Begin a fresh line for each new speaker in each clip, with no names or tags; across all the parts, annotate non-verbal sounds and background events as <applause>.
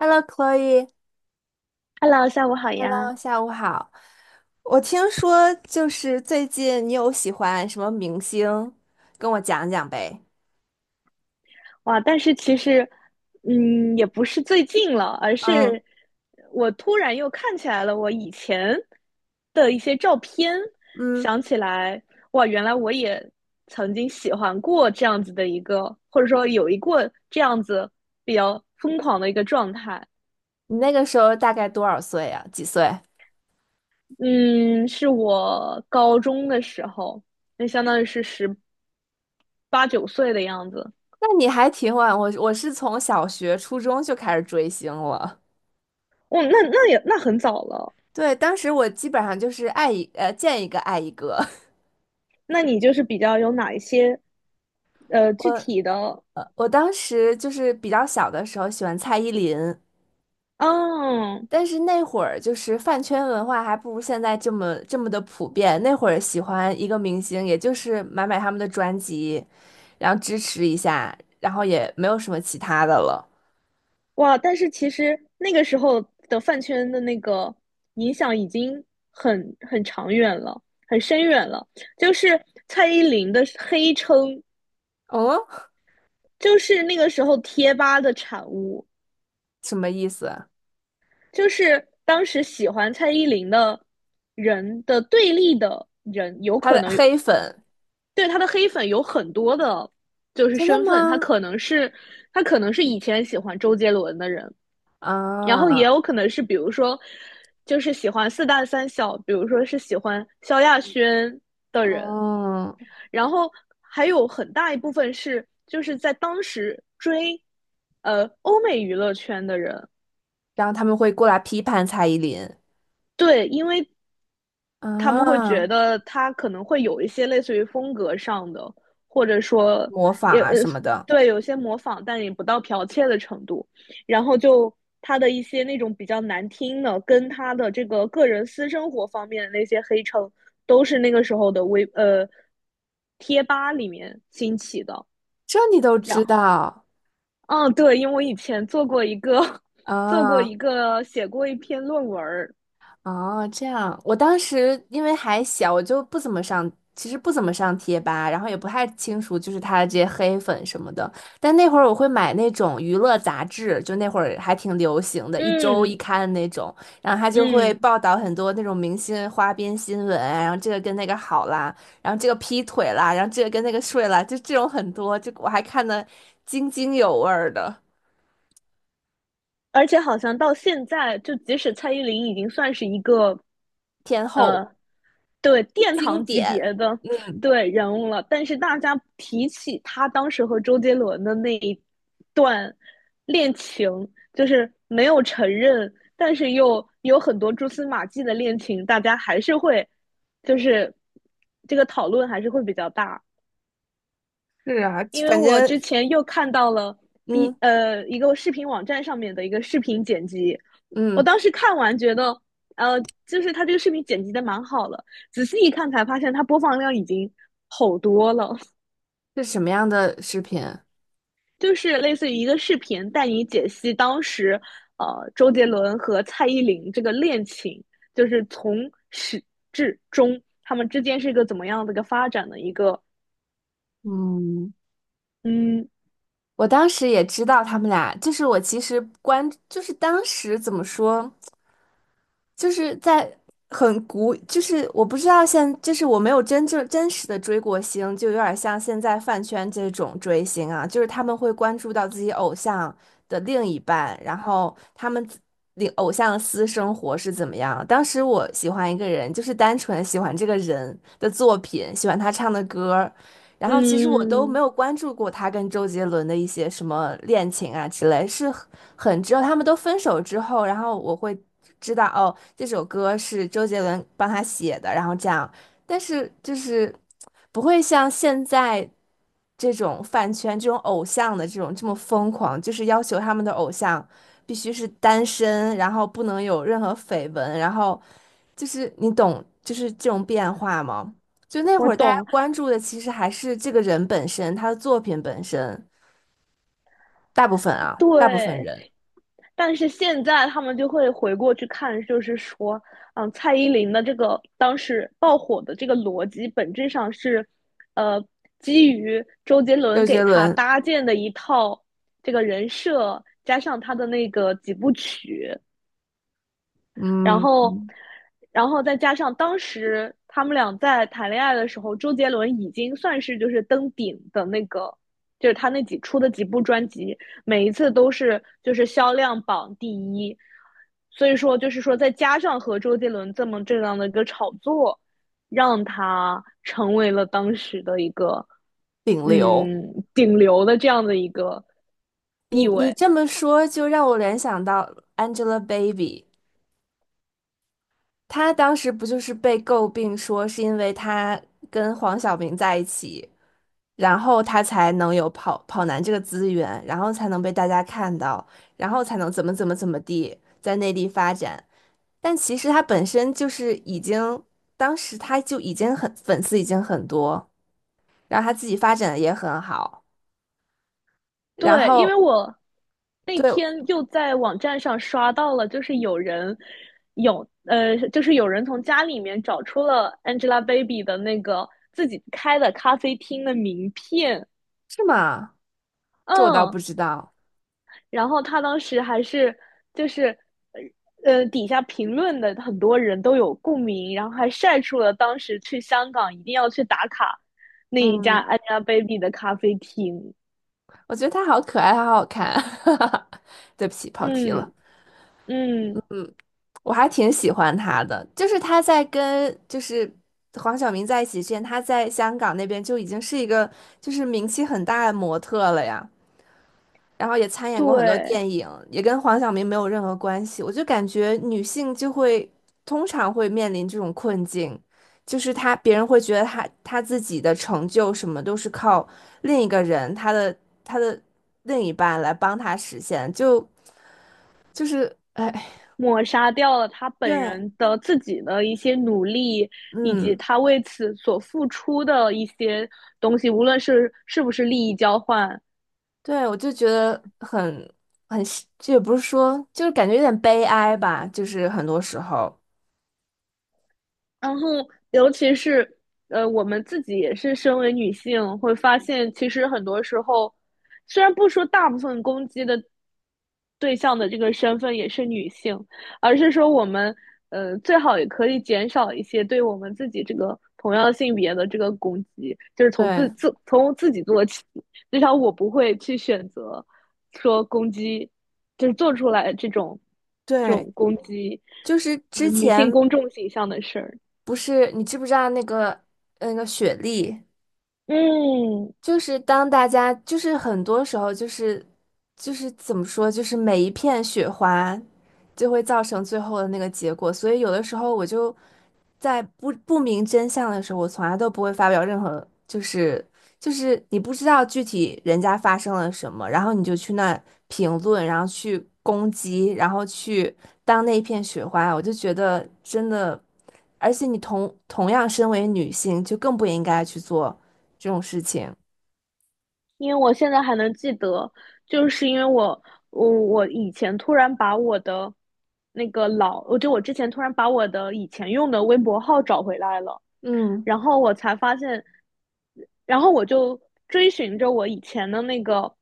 Hello, Chloe,Hello,
Hello，下午好呀！
下午好。我听说就是最近你有喜欢什么明星，跟我讲讲呗。
哇，但是其实，也不是最近了，而
嗯
是我突然又看起来了我以前的一些照片，
嗯，
想起来，哇，原来我也曾经喜欢过这样子的一个，或者说有一过这样子比较疯狂的一个状态。
你那个时候大概多少岁呀？几岁？
嗯，是我高中的时候，那相当于是十八九岁的样子。
那你还挺晚，我是从小学、初中就开始追星了。
哦，那很早了。
对，当时我基本上就是见一个爱一个。
那你就是比较有哪一些
<laughs> 我
具体的？
我当时就是比较小的时候喜欢蔡依林，
嗯，
但是那会儿就是饭圈文化还不如现在这么的普遍。那会儿喜欢一个明星，也就是买他们的专辑，然后支持一下，然后也没有什么其他的了。
哇！但是其实那个时候的饭圈的那个影响已经很长远了，很深远了。就是蔡依林的黑称，
哦，
就是那个时候贴吧的产物，
什么意思？
就是当时喜欢蔡依林的人的对立的人，有
他
可
的
能有
黑粉，
对他的黑粉有很多的，就是
真的
身份，他
吗？
可能是他可能是以前喜欢周杰伦的人，然后也
啊，
有可能是比如说就是喜欢四大三小，比如说是喜欢萧亚轩的人，
嗯，
然后还有很大一部分是就是在当时追欧美娱乐圈的人。
然后他们会过来批判蔡依林
对，因为他们会觉
啊，
得他可能会有一些类似于风格上的，或者说
模仿
也
啊什么的，
对有些模仿，但也不到剽窃的程度。然后就他的一些那种比较难听的，跟他的这个个人私生活方面的那些黑称，都是那个时候的贴吧里面兴起的。
这你都
然
知
后，
道
嗯，对，因为我以前做过一个 <laughs> 做过
啊？
一个写过一篇论文儿，
哦，这样，我当时因为还小，我就不怎么上，其实不怎么上贴吧，然后也不太清楚就是他的这些黑粉什么的。但那会儿我会买那种娱乐杂志，就那会儿还挺流行的，一周一
嗯
刊的那种，然后他就会
嗯。
报道很多那种明星花边新闻啊然后这个跟那个好啦，然后这个劈腿啦，然后这个跟那个睡啦，就这种很多，就我还看的津津有味儿的
而且好像到现在，就即使蔡依林已经算是一个，
天后
呃，对殿
经
堂级
典，
别的
嗯。
对人物了，但是大家提起她当时和周杰伦的那一段恋情，就是没有承认，但是又有很多蛛丝马迹的恋情，大家还是会，就是这个讨论还是会比较大。
是啊，
因为
反
我
正。
之前又看到了 B
嗯
一个视频网站上面的一个视频剪辑，我
嗯。
当时看完觉得，呃，就是他这个视频剪辑的蛮好了，仔细一看才发现他播放量已经好多了，
是什么样的视频？
就是类似于一个视频带你解析当时周杰伦和蔡依林这个恋情，就是从始至终他们之间是一个怎么样的一个发展的一个，
嗯，
嗯
我当时也知道他们俩，就是我其实关，就是当时怎么说，就是在很古，就是我不知道现，就是我没有真正真实的追过星，就有点像现在饭圈这种追星啊，就是他们会关注到自己偶像的另一半，然后他们自。领偶像的私生活是怎么样？当时我喜欢一个人，就是单纯喜欢这个人的作品，喜欢他唱的歌，然后其实我都没
嗯，
有关注过他跟周杰伦的一些什么恋情啊之类，是很只有他们都分手之后，然后我会知道哦，这首歌是周杰伦帮他写的，然后这样，但是就是不会像现在这种饭圈、这种偶像的这种这么疯狂，就是要求他们的偶像必须是单身，然后不能有任何绯闻，然后就是你懂，就是这种变化吗？就那
我
会儿大家
懂，
关注的其实还是这个人本身，他的作品本身，大部分啊，大部分
对，
人，
但是现在他们就会回过去看，就是说，嗯，蔡依林的这个当时爆火的这个逻辑，本质上是，呃，基于周杰伦
周杰
给他
伦，
搭建的一套这个人设，加上他的那个几部曲，然
嗯，
后，然后再加上当时他们俩在谈恋爱的时候，周杰伦已经算是就是登顶的那个，就是他那几出的几部专辑，每一次都是就是销量榜第一。所以说，就是说再加上和周杰伦这么这样的一个炒作，让他成为了当时的一个
顶流。
嗯顶流的这样的一个
你
地
你
位。
这么说，就让我联想到 Angelababy,她当时不就是被诟病说是因为她跟黄晓明在一起，然后她才能有跑男这个资源，然后才能被大家看到，然后才能怎么怎么怎么地在内地发展。但其实他本身就是已经，当时他就已经很粉丝已经很多，然后他自己发展的也很好，然
对，因为
后
我那
对，
天又在网站上刷到了，就是有人有呃，就是有人从家里面找出了 Angelababy 的那个自己开的咖啡厅的名片，
是吗？这我倒
嗯，
不知道。
然后他当时还是就是底下评论的很多人都有共鸣，然后还晒出了当时去香港一定要去打卡那一家
嗯，
Angelababy 的咖啡厅，
我觉得他好可爱，他好好看。<laughs> 对不起，跑题了。
嗯嗯，
我还挺喜欢他的，就是他在跟就是黄晓明在一起之前，他在香港那边就已经是一个就是名气很大的模特了呀。然后也参演过很多
对。
电影，也跟黄晓明没有任何关系。我就感觉女性就会通常会面临这种困境，就是她别人会觉得她自己的成就什么都是靠另一个人，她的另一半来帮她实现，就就是哎，
抹杀掉了他本
对，
人的自己的一些努力，以及
嗯，
他为此所付出的一些东西，无论是是不是利益交换，
对，我就觉得很，这也不是说，就是感觉有点悲哀吧，就是很多时候，
然后，尤其是我们自己也是身为女性，会发现其实很多时候，虽然不说大部分攻击的对象的这个身份也是女性，而是说我们最好也可以减少一些对我们自己这个同样性别的这个攻击，就是
对
从自己做起。至少我不会去选择说攻击，就是做出来这种
对。
攻击
就是之
女性
前，
公众形象的事儿。
不是，你知不知道那个那个雪莉？
嗯，
就是当大家，就是很多时候，就是就是怎么说，就是每一片雪花就会造成最后的那个结果。所以有的时候我就在不明真相的时候，我从来都不会发表任何，就是就是你不知道具体人家发生了什么，然后你就去那评论，然后去攻击，然后去当那一片雪花，我就觉得真的，而且你同样身为女性，就更不应该去做这种事情。
因为我现在还能记得，就是因为我以前突然把我的那个老，我就我之前突然把我的以前用的微博号找回来了。
嗯
然后我才发现，然后我就追寻着我以前的那个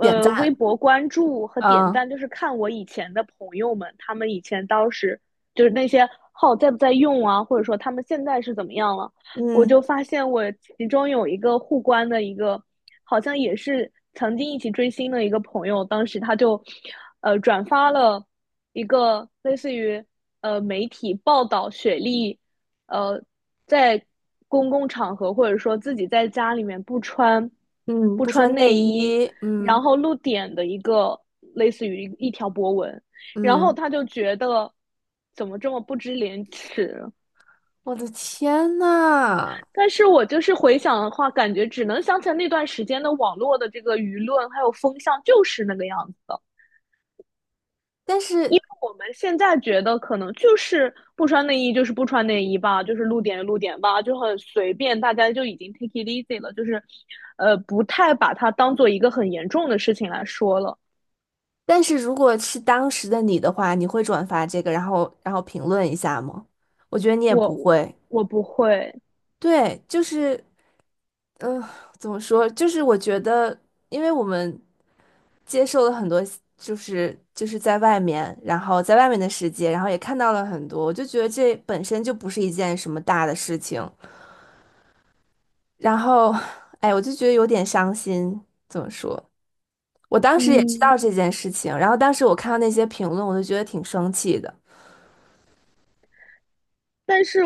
点
微
赞，
博关注和点
啊，
赞，就是看我以前的朋友们，他们以前当时就是那些号在不在用啊，或者说他们现在是怎么样了，我就
嗯，
发现我其中有一个互关的一个，好像也是曾经一起追星的一个朋友，当时他就转发了一个类似于媒体报道雪莉。呃，在公共场合或者说自己在家里面不穿
嗯，
不
不
穿
穿
内
内
衣，
衣，
然
嗯
后露点的一个类似于一条博文，然后
嗯，
他就觉得怎么这么不知廉耻？
我的天呐！
但是我就是回想的话，感觉只能想起来那段时间的网络的这个舆论还有风向就是那个样子的。
但
因
是
为我们现在觉得可能就是不穿内衣就是不穿内衣吧，就是露点露点吧，就很随便，大家就已经 take it easy 了，就是，不太把它当做一个很严重的事情来说了。
但是，如果是当时的你的话，你会转发这个，然后然后评论一下吗？我觉得你也
我
不会。
我不会，
对，就是嗯、呃怎么说？就是我觉得，因为我们接受了很多，就是就是在外面，然后在外面的世界，然后也看到了很多，我就觉得这本身就不是一件什么大的事情。然后，哎，我就觉得有点伤心。怎么说？我当时也知
嗯，
道这件事情，然后当时我看到那些评论，我就觉得挺生气的。
但是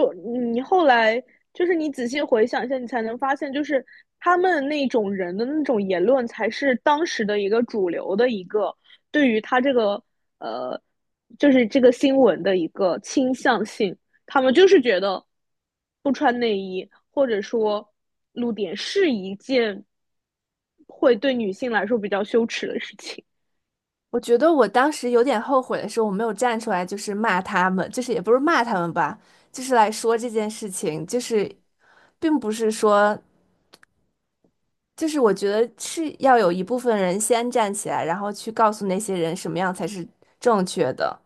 你后来就是你仔细回想一下，你才能发现，就是他们那种人的那种言论，才是当时的一个主流的一个对于他这个呃，就是这个新闻的一个倾向性。他们就是觉得不穿内衣或者说露点是一件会对女性来说比较羞耻的事情。
我觉得我当时有点后悔的是，我没有站出来，就是骂他们，就是也不是骂他们吧，就是来说这件事情，就是并不是说。就是我觉得是要有一部分人先站起来，然后去告诉那些人什么样才是正确的。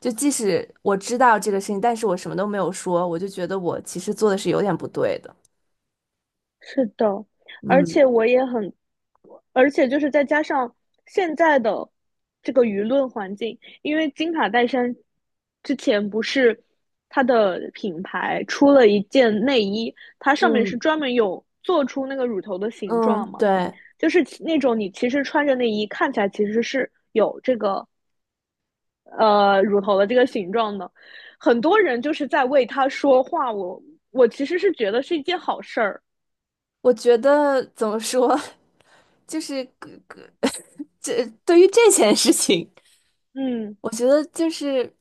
就即使我知道这个事情，但是我什么都没有说，我就觉得我其实做的是有点不对的。
是的，而
嗯，
且我也很，而且就是再加上现在的这个舆论环境，因为金卡戴珊之前不是它的品牌出了一件内衣，它上面是
嗯，
专门有做出那个乳头的形状
嗯，
嘛，
对，
就是其那种你其实穿着内衣看起来其实是有这个乳头的这个形状的，很多人就是在为它说话，我其实是觉得是一件好事儿，
我觉得怎么说，<laughs> 就是 <laughs> 这对于这件事情，
嗯。
我觉得就是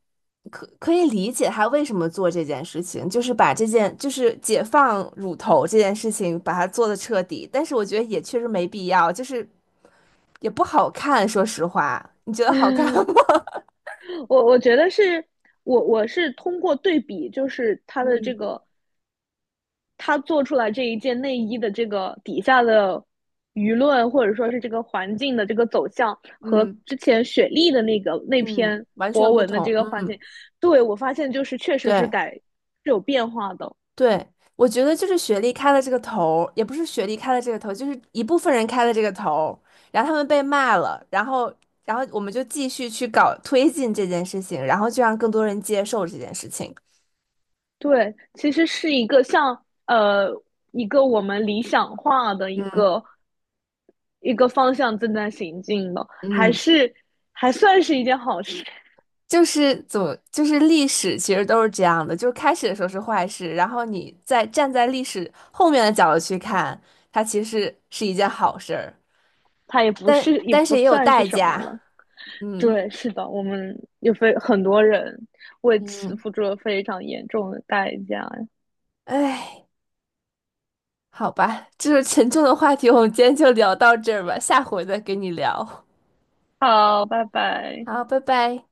可以理解他为什么做这件事情，就是把这件就是解放乳头这件事情把它做的彻底，但是我觉得也确实没必要，就是也不好看，说实话，你觉得好看吗？
<laughs>
<laughs>
我觉得是我是通过对比，就是他的这
嗯，
个他做出来这一件内衣的这个底下的舆论，或者说是这个环境的这个走向，和
嗯
之前雪莉的那个那
嗯，
篇
完全
博
不
文的这
同，
个环
嗯，
境，对我发现就是确实是
对。
有变化的。
对，我觉得就是学历开了这个头儿也不是学历开了这个头儿就是一部分人开了这个头儿然后他们被骂了，然后，然后我们就继续去搞推进这件事情，然后就让更多人接受这件事情。
对，其实是一个像一个我们理想化的一
嗯，
个一个方向正在行进的，还
嗯，
是还算是一件好事。
就是怎么，就是历史其实都是这样的，就是开始的时候是坏事，然后你再站在历史后面的角度去看，它其实是一件好事儿，
它也不
但
是也
但
不
是也有
算是
代
什么了。
价。嗯，
对，是的，我们有非很多人为此
嗯，
付出了非常严重的代价。
哎。好吧，这是沉重的话题，我们今天就聊到这儿吧，下回再跟你聊。
好，拜拜。
好，拜拜。